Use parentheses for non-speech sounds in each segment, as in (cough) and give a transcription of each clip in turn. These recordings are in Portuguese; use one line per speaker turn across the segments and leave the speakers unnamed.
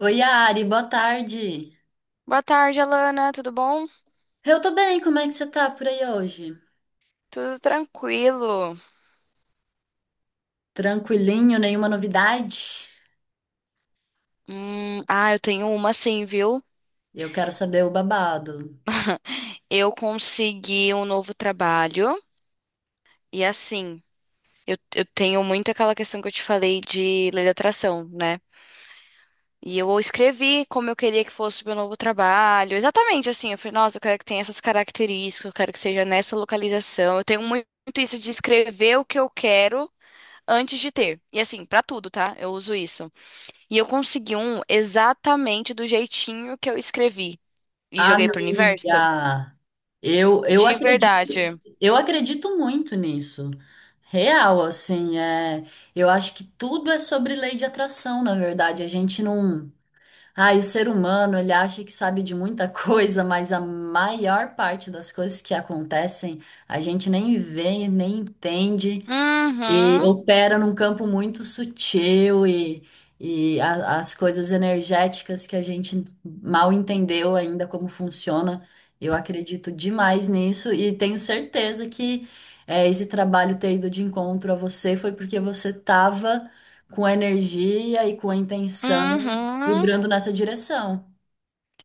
Oi, Ari, boa tarde.
Boa tarde, Alana. Tudo bom?
Eu tô bem, como é que você tá por aí hoje?
Tudo tranquilo.
Tranquilinho, nenhuma novidade?
Ah, eu tenho uma sim, viu?
Eu quero saber o babado.
(laughs) Eu consegui um novo trabalho e assim, eu tenho muito aquela questão que eu te falei de lei da atração, né? E eu escrevi como eu queria que fosse o meu novo trabalho. Exatamente assim, eu falei, nossa, eu quero que tenha essas características, eu quero que seja nessa localização. Eu tenho muito isso de escrever o que eu quero antes de ter. E assim, pra tudo, tá? Eu uso isso. E eu consegui um exatamente do jeitinho que eu escrevi e joguei pro universo.
Amiga, eu
De
acredito,
verdade.
eu acredito muito nisso. Real, assim, eu acho que tudo é sobre lei de atração, na verdade. A gente não. Ai, o ser humano, ele acha que sabe de muita (laughs) coisa, mas a maior parte das coisas que acontecem, a gente nem vê, nem entende. E
Uhum.
opera num campo muito sutil e as coisas energéticas que a gente mal entendeu ainda como funciona. Eu acredito demais nisso e tenho certeza que esse trabalho ter ido de encontro a você foi porque você estava com a energia e com a intenção
Uhum.
vibrando nessa direção.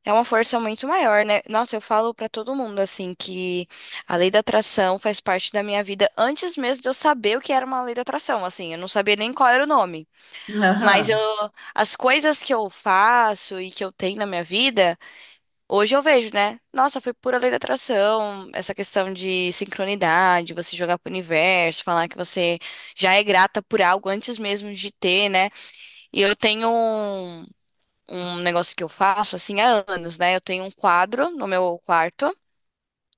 É uma força muito maior, né? Nossa, eu falo pra todo mundo assim que a lei da atração faz parte da minha vida antes mesmo de eu saber o que era uma lei da atração, assim, eu não sabia nem qual era o nome. Mas
Aham,
eu, as coisas que eu faço e que eu tenho na minha vida hoje eu vejo, né? Nossa, foi pura lei da atração, essa questão de sincronidade, você jogar pro universo, falar que você já é grata por algo antes mesmo de ter, né? E eu tenho um negócio que eu faço, assim, há anos, né? Eu tenho um quadro no meu quarto.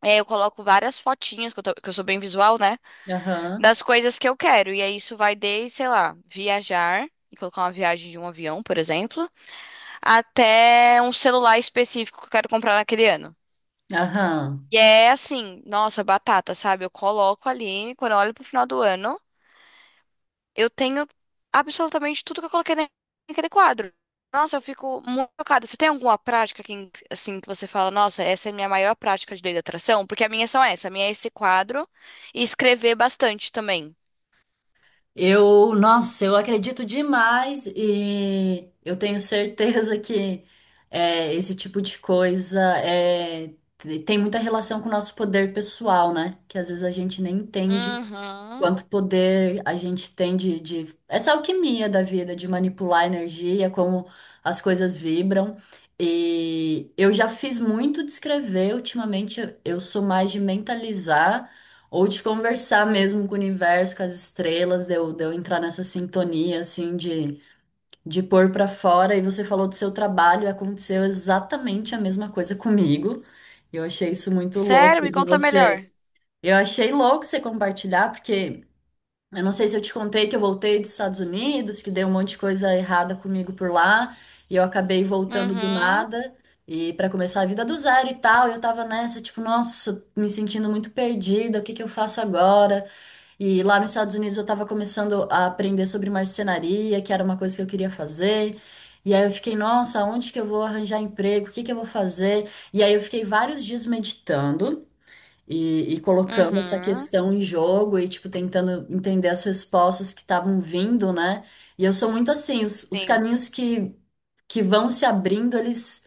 É, eu coloco várias fotinhas, que eu sou bem visual, né?
aham,
Das coisas que eu quero. E aí isso vai desde, sei lá, viajar, e colocar uma viagem de um avião, por exemplo, até um celular específico que eu quero comprar naquele ano.
aham.
E é assim, nossa, batata, sabe? Eu coloco ali, quando eu olho pro final do ano, eu tenho absolutamente tudo que eu coloquei naquele quadro. Nossa, eu fico muito chocada. Você tem alguma prática que, assim, que você fala, nossa, essa é a minha maior prática de lei da atração? Porque a minha são essa, a minha é esse quadro e escrever bastante também.
Eu, nossa, eu acredito demais e eu tenho certeza que esse tipo de coisa tem muita relação com o nosso poder pessoal, né? Que às vezes a gente nem entende
Uhum.
quanto poder a gente tem de essa alquimia da vida, de manipular a energia, como as coisas vibram. E eu já fiz muito de escrever, ultimamente eu sou mais de mentalizar ou de conversar mesmo com o universo, com as estrelas, de eu entrar nessa sintonia, assim, de pôr pra fora. E você falou do seu trabalho, aconteceu exatamente a mesma coisa comigo. Eu achei isso muito
Sério?
louco
Me
de
conta
você.
melhor.
Eu achei louco você compartilhar, porque. Eu não sei se eu te contei que eu voltei dos Estados Unidos, que deu um monte de coisa errada comigo por lá, e eu acabei voltando do
Uhum.
nada, e para começar a vida do zero e tal, eu tava nessa, tipo, nossa, me sentindo muito perdida, o que que eu faço agora? E lá nos Estados Unidos eu tava começando a aprender sobre marcenaria, que era uma coisa que eu queria fazer. E aí eu fiquei, nossa, onde que eu vou arranjar emprego? O que que eu vou fazer? E aí eu fiquei vários dias meditando. E colocando essa
Uhum.
questão em jogo e, tipo, tentando entender as respostas que estavam vindo, né? E eu sou muito assim, os
Sim.
caminhos que vão se abrindo, eles,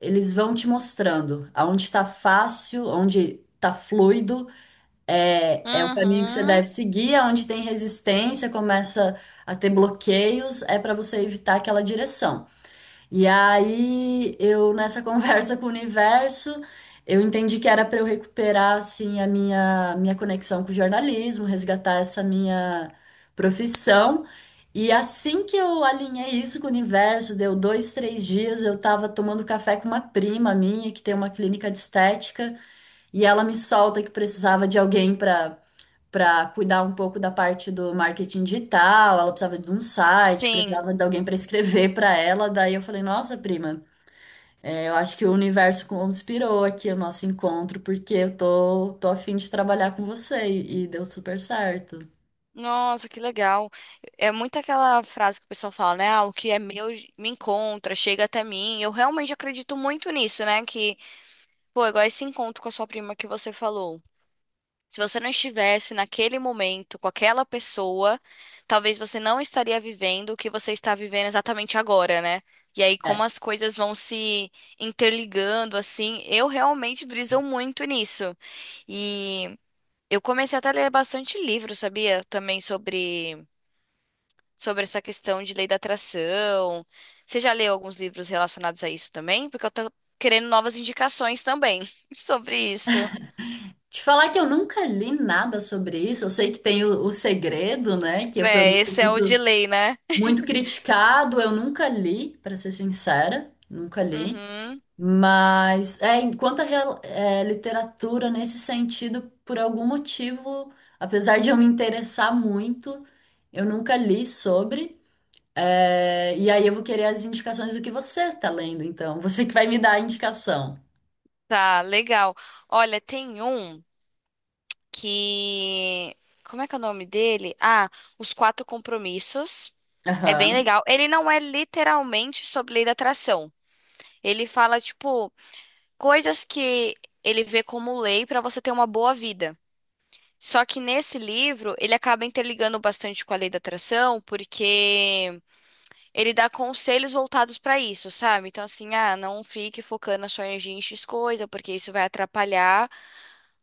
eles vão te mostrando aonde tá fácil, onde tá fluido, é o caminho que você
Uhum.
deve seguir, aonde tem resistência, começa a ter bloqueios, é para você evitar aquela direção. E aí, eu nessa (laughs) conversa com o universo, eu entendi que era para eu recuperar assim a minha conexão com o jornalismo, resgatar essa minha profissão. E assim que eu alinhei isso com o universo, deu dois, três dias, eu estava tomando café com uma prima minha que tem uma clínica de estética e ela me solta que precisava de alguém para cuidar um pouco da parte do marketing digital, ela precisava de um site,
Sim.
precisava de alguém para escrever para ela. Daí eu falei, nossa, prima, é, eu acho que o universo conspirou aqui o nosso encontro, porque eu tô, tô a fim de trabalhar com você e deu super certo.
Nossa, que legal. É muito aquela frase que o pessoal fala, né? Ah, o que é meu me encontra, chega até mim. Eu realmente acredito muito nisso, né? Que, pô, é igual esse encontro com a sua prima que você falou. Se você não estivesse naquele momento com aquela pessoa, talvez você não estaria vivendo o que você está vivendo exatamente agora, né? E aí, como
É.
as coisas vão se interligando, assim, eu realmente briso muito nisso. E eu comecei até a ler bastante livro, sabia? Também sobre essa questão de lei da atração. Você já leu alguns livros relacionados a isso também? Porque eu tô querendo novas indicações também (laughs) sobre isso.
Te falar que eu nunca li nada sobre isso, eu sei que tem o Segredo, né, que foi um
É,
livro
esse é o de
muito,
lei, né?
muito criticado, eu nunca li, para ser sincera, nunca li.
Uhum.
Mas enquanto literatura nesse sentido, por algum motivo, apesar de eu me interessar muito, eu nunca li sobre. É, e aí eu vou querer as indicações do que você tá lendo, então. (laughs) Você que vai me dar a indicação.
Tá, legal. Olha, tem um que. Como é que é o nome dele? Ah, Os Quatro Compromissos. É bem
Aham,
legal. Ele não é literalmente sobre lei da atração. Ele fala, tipo, coisas que ele vê como lei pra você ter uma boa vida. Só que nesse livro, ele acaba interligando bastante com a lei da atração, porque ele dá conselhos voltados para isso, sabe? Então, assim, ah, não fique focando a sua energia em X coisa, porque isso vai atrapalhar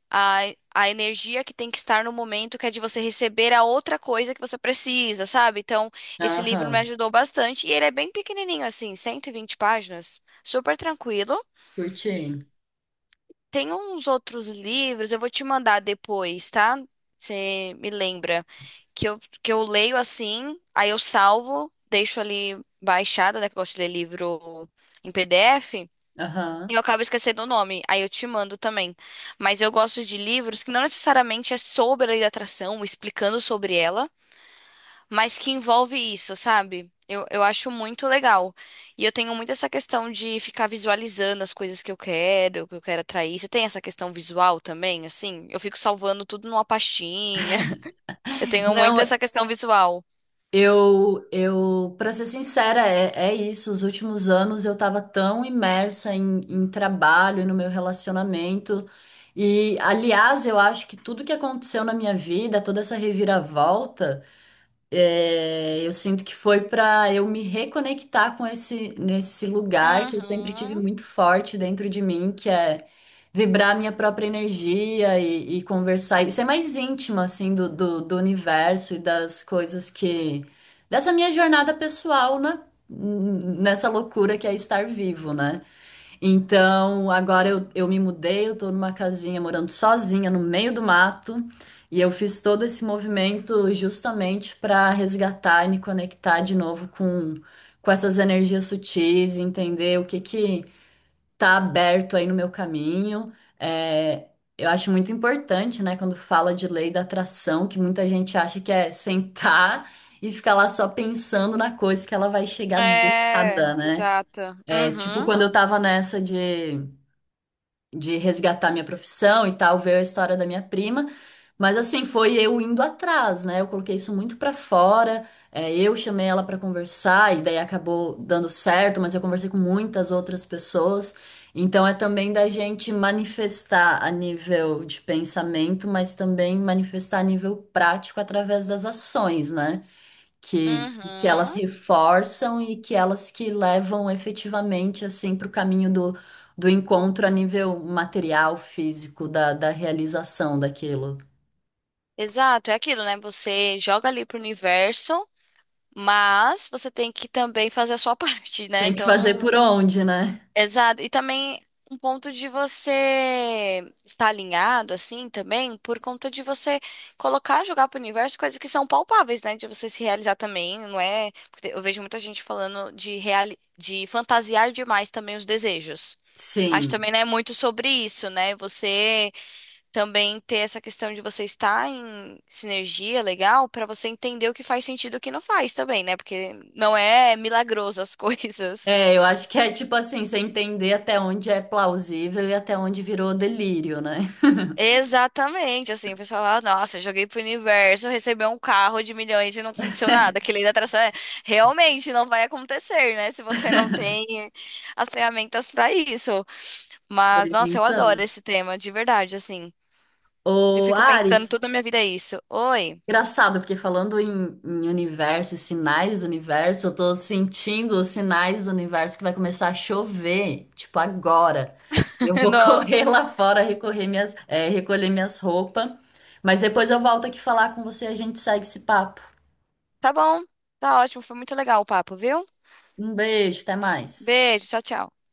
a, a energia que tem que estar no momento, que é de você receber a outra coisa que você precisa, sabe? Então, esse livro me
aham.
ajudou bastante e ele é bem pequenininho, assim, 120 páginas, super tranquilo.
Curti.
Tem uns outros livros, eu vou te mandar depois, tá? Você me lembra que eu leio assim, aí eu salvo, deixo ali baixado, né? Que eu gosto de ler livro em PDF, e eu
Aham.
acabo esquecendo o nome, aí eu te mando também. Mas eu gosto de livros que não necessariamente é sobre a lei da atração, explicando sobre ela, mas que envolve isso, sabe? Eu acho muito legal. E eu tenho muito essa questão de ficar visualizando as coisas que eu quero, o que eu quero atrair. Você tem essa questão visual também, assim? Eu fico salvando tudo numa pastinha. (laughs) Eu tenho muito
Não,
essa questão visual.
Para ser sincera, é isso. Os últimos anos eu estava tão imersa em trabalho, no meu relacionamento. E, aliás, eu acho que tudo que aconteceu na minha vida, toda essa reviravolta. É, eu sinto que foi para eu me reconectar com esse nesse lugar que eu sempre tive
Uhum.
muito forte dentro de mim, que é vibrar minha própria energia e conversar e ser mais íntima assim do universo e das coisas que dessa minha jornada pessoal, né? Nessa loucura que é estar vivo, né? Então, agora eu me mudei, eu tô numa casinha morando sozinha no meio do mato, e eu fiz todo esse movimento justamente para resgatar e me conectar de novo com essas energias sutis, e entender o que que tá aberto aí no meu caminho. É, eu acho muito importante, né, quando fala de lei da atração, que muita gente acha que é sentar e ficar lá só pensando na coisa que ela vai chegar do
É,
nada, né?
exato.
É, tipo,
Uhum.
quando eu tava nessa de resgatar minha profissão e tal, veio a história da minha prima. Mas assim, foi eu indo atrás, né? Eu coloquei isso muito pra fora. Eu chamei ela pra conversar e daí acabou dando certo, mas eu conversei com muitas outras pessoas. Então é também da gente manifestar a nível de pensamento, mas também manifestar a nível prático através das ações, né? que, que elas
Uhum.
reforçam e que elas que levam efetivamente assim para o caminho do encontro a nível material, físico, da realização daquilo.
Exato, é aquilo, né? Você joga ali pro universo, mas você tem que também fazer a sua (laughs) parte, né?
Tem que
Então
fazer
não.
por onde, né?
Exato. E também um ponto de você estar alinhado, assim, também, por conta de você colocar, jogar pro universo coisas que são palpáveis, né? De você se realizar também, não é? Porque eu vejo muita gente falando de fantasiar demais também os desejos. Acho que
Sim.
também né muito sobre isso, né? Você também ter essa questão de você estar em sinergia legal pra você entender o que faz sentido e o que não faz também, né? Porque não é milagroso as (laughs) coisas.
É, eu acho que é tipo assim, você entender até onde é plausível e até onde virou delírio, né?
Exatamente, assim, o pessoal fala, nossa, eu joguei pro universo, recebeu um carro de milhões e não aconteceu nada. Que lei da atração é, realmente não vai acontecer, né? Se você não tem as ferramentas pra isso. Mas,
Pois
nossa, eu adoro
então.
esse tema, de verdade, assim. Eu
Ô,
fico
Ari,
pensando, toda a minha vida é isso. Oi,
engraçado, porque falando em universo e sinais do universo, eu tô sentindo os sinais do universo que vai começar a chover, tipo agora. Eu
(laughs)
vou (laughs)
nossa.
correr lá fora, recolher minhas roupas, mas depois eu volto aqui falar com você e a gente segue esse papo.
Tá bom, tá ótimo, foi muito legal o papo, viu?
Um beijo, até mais.
Beijo, tchau, tchau.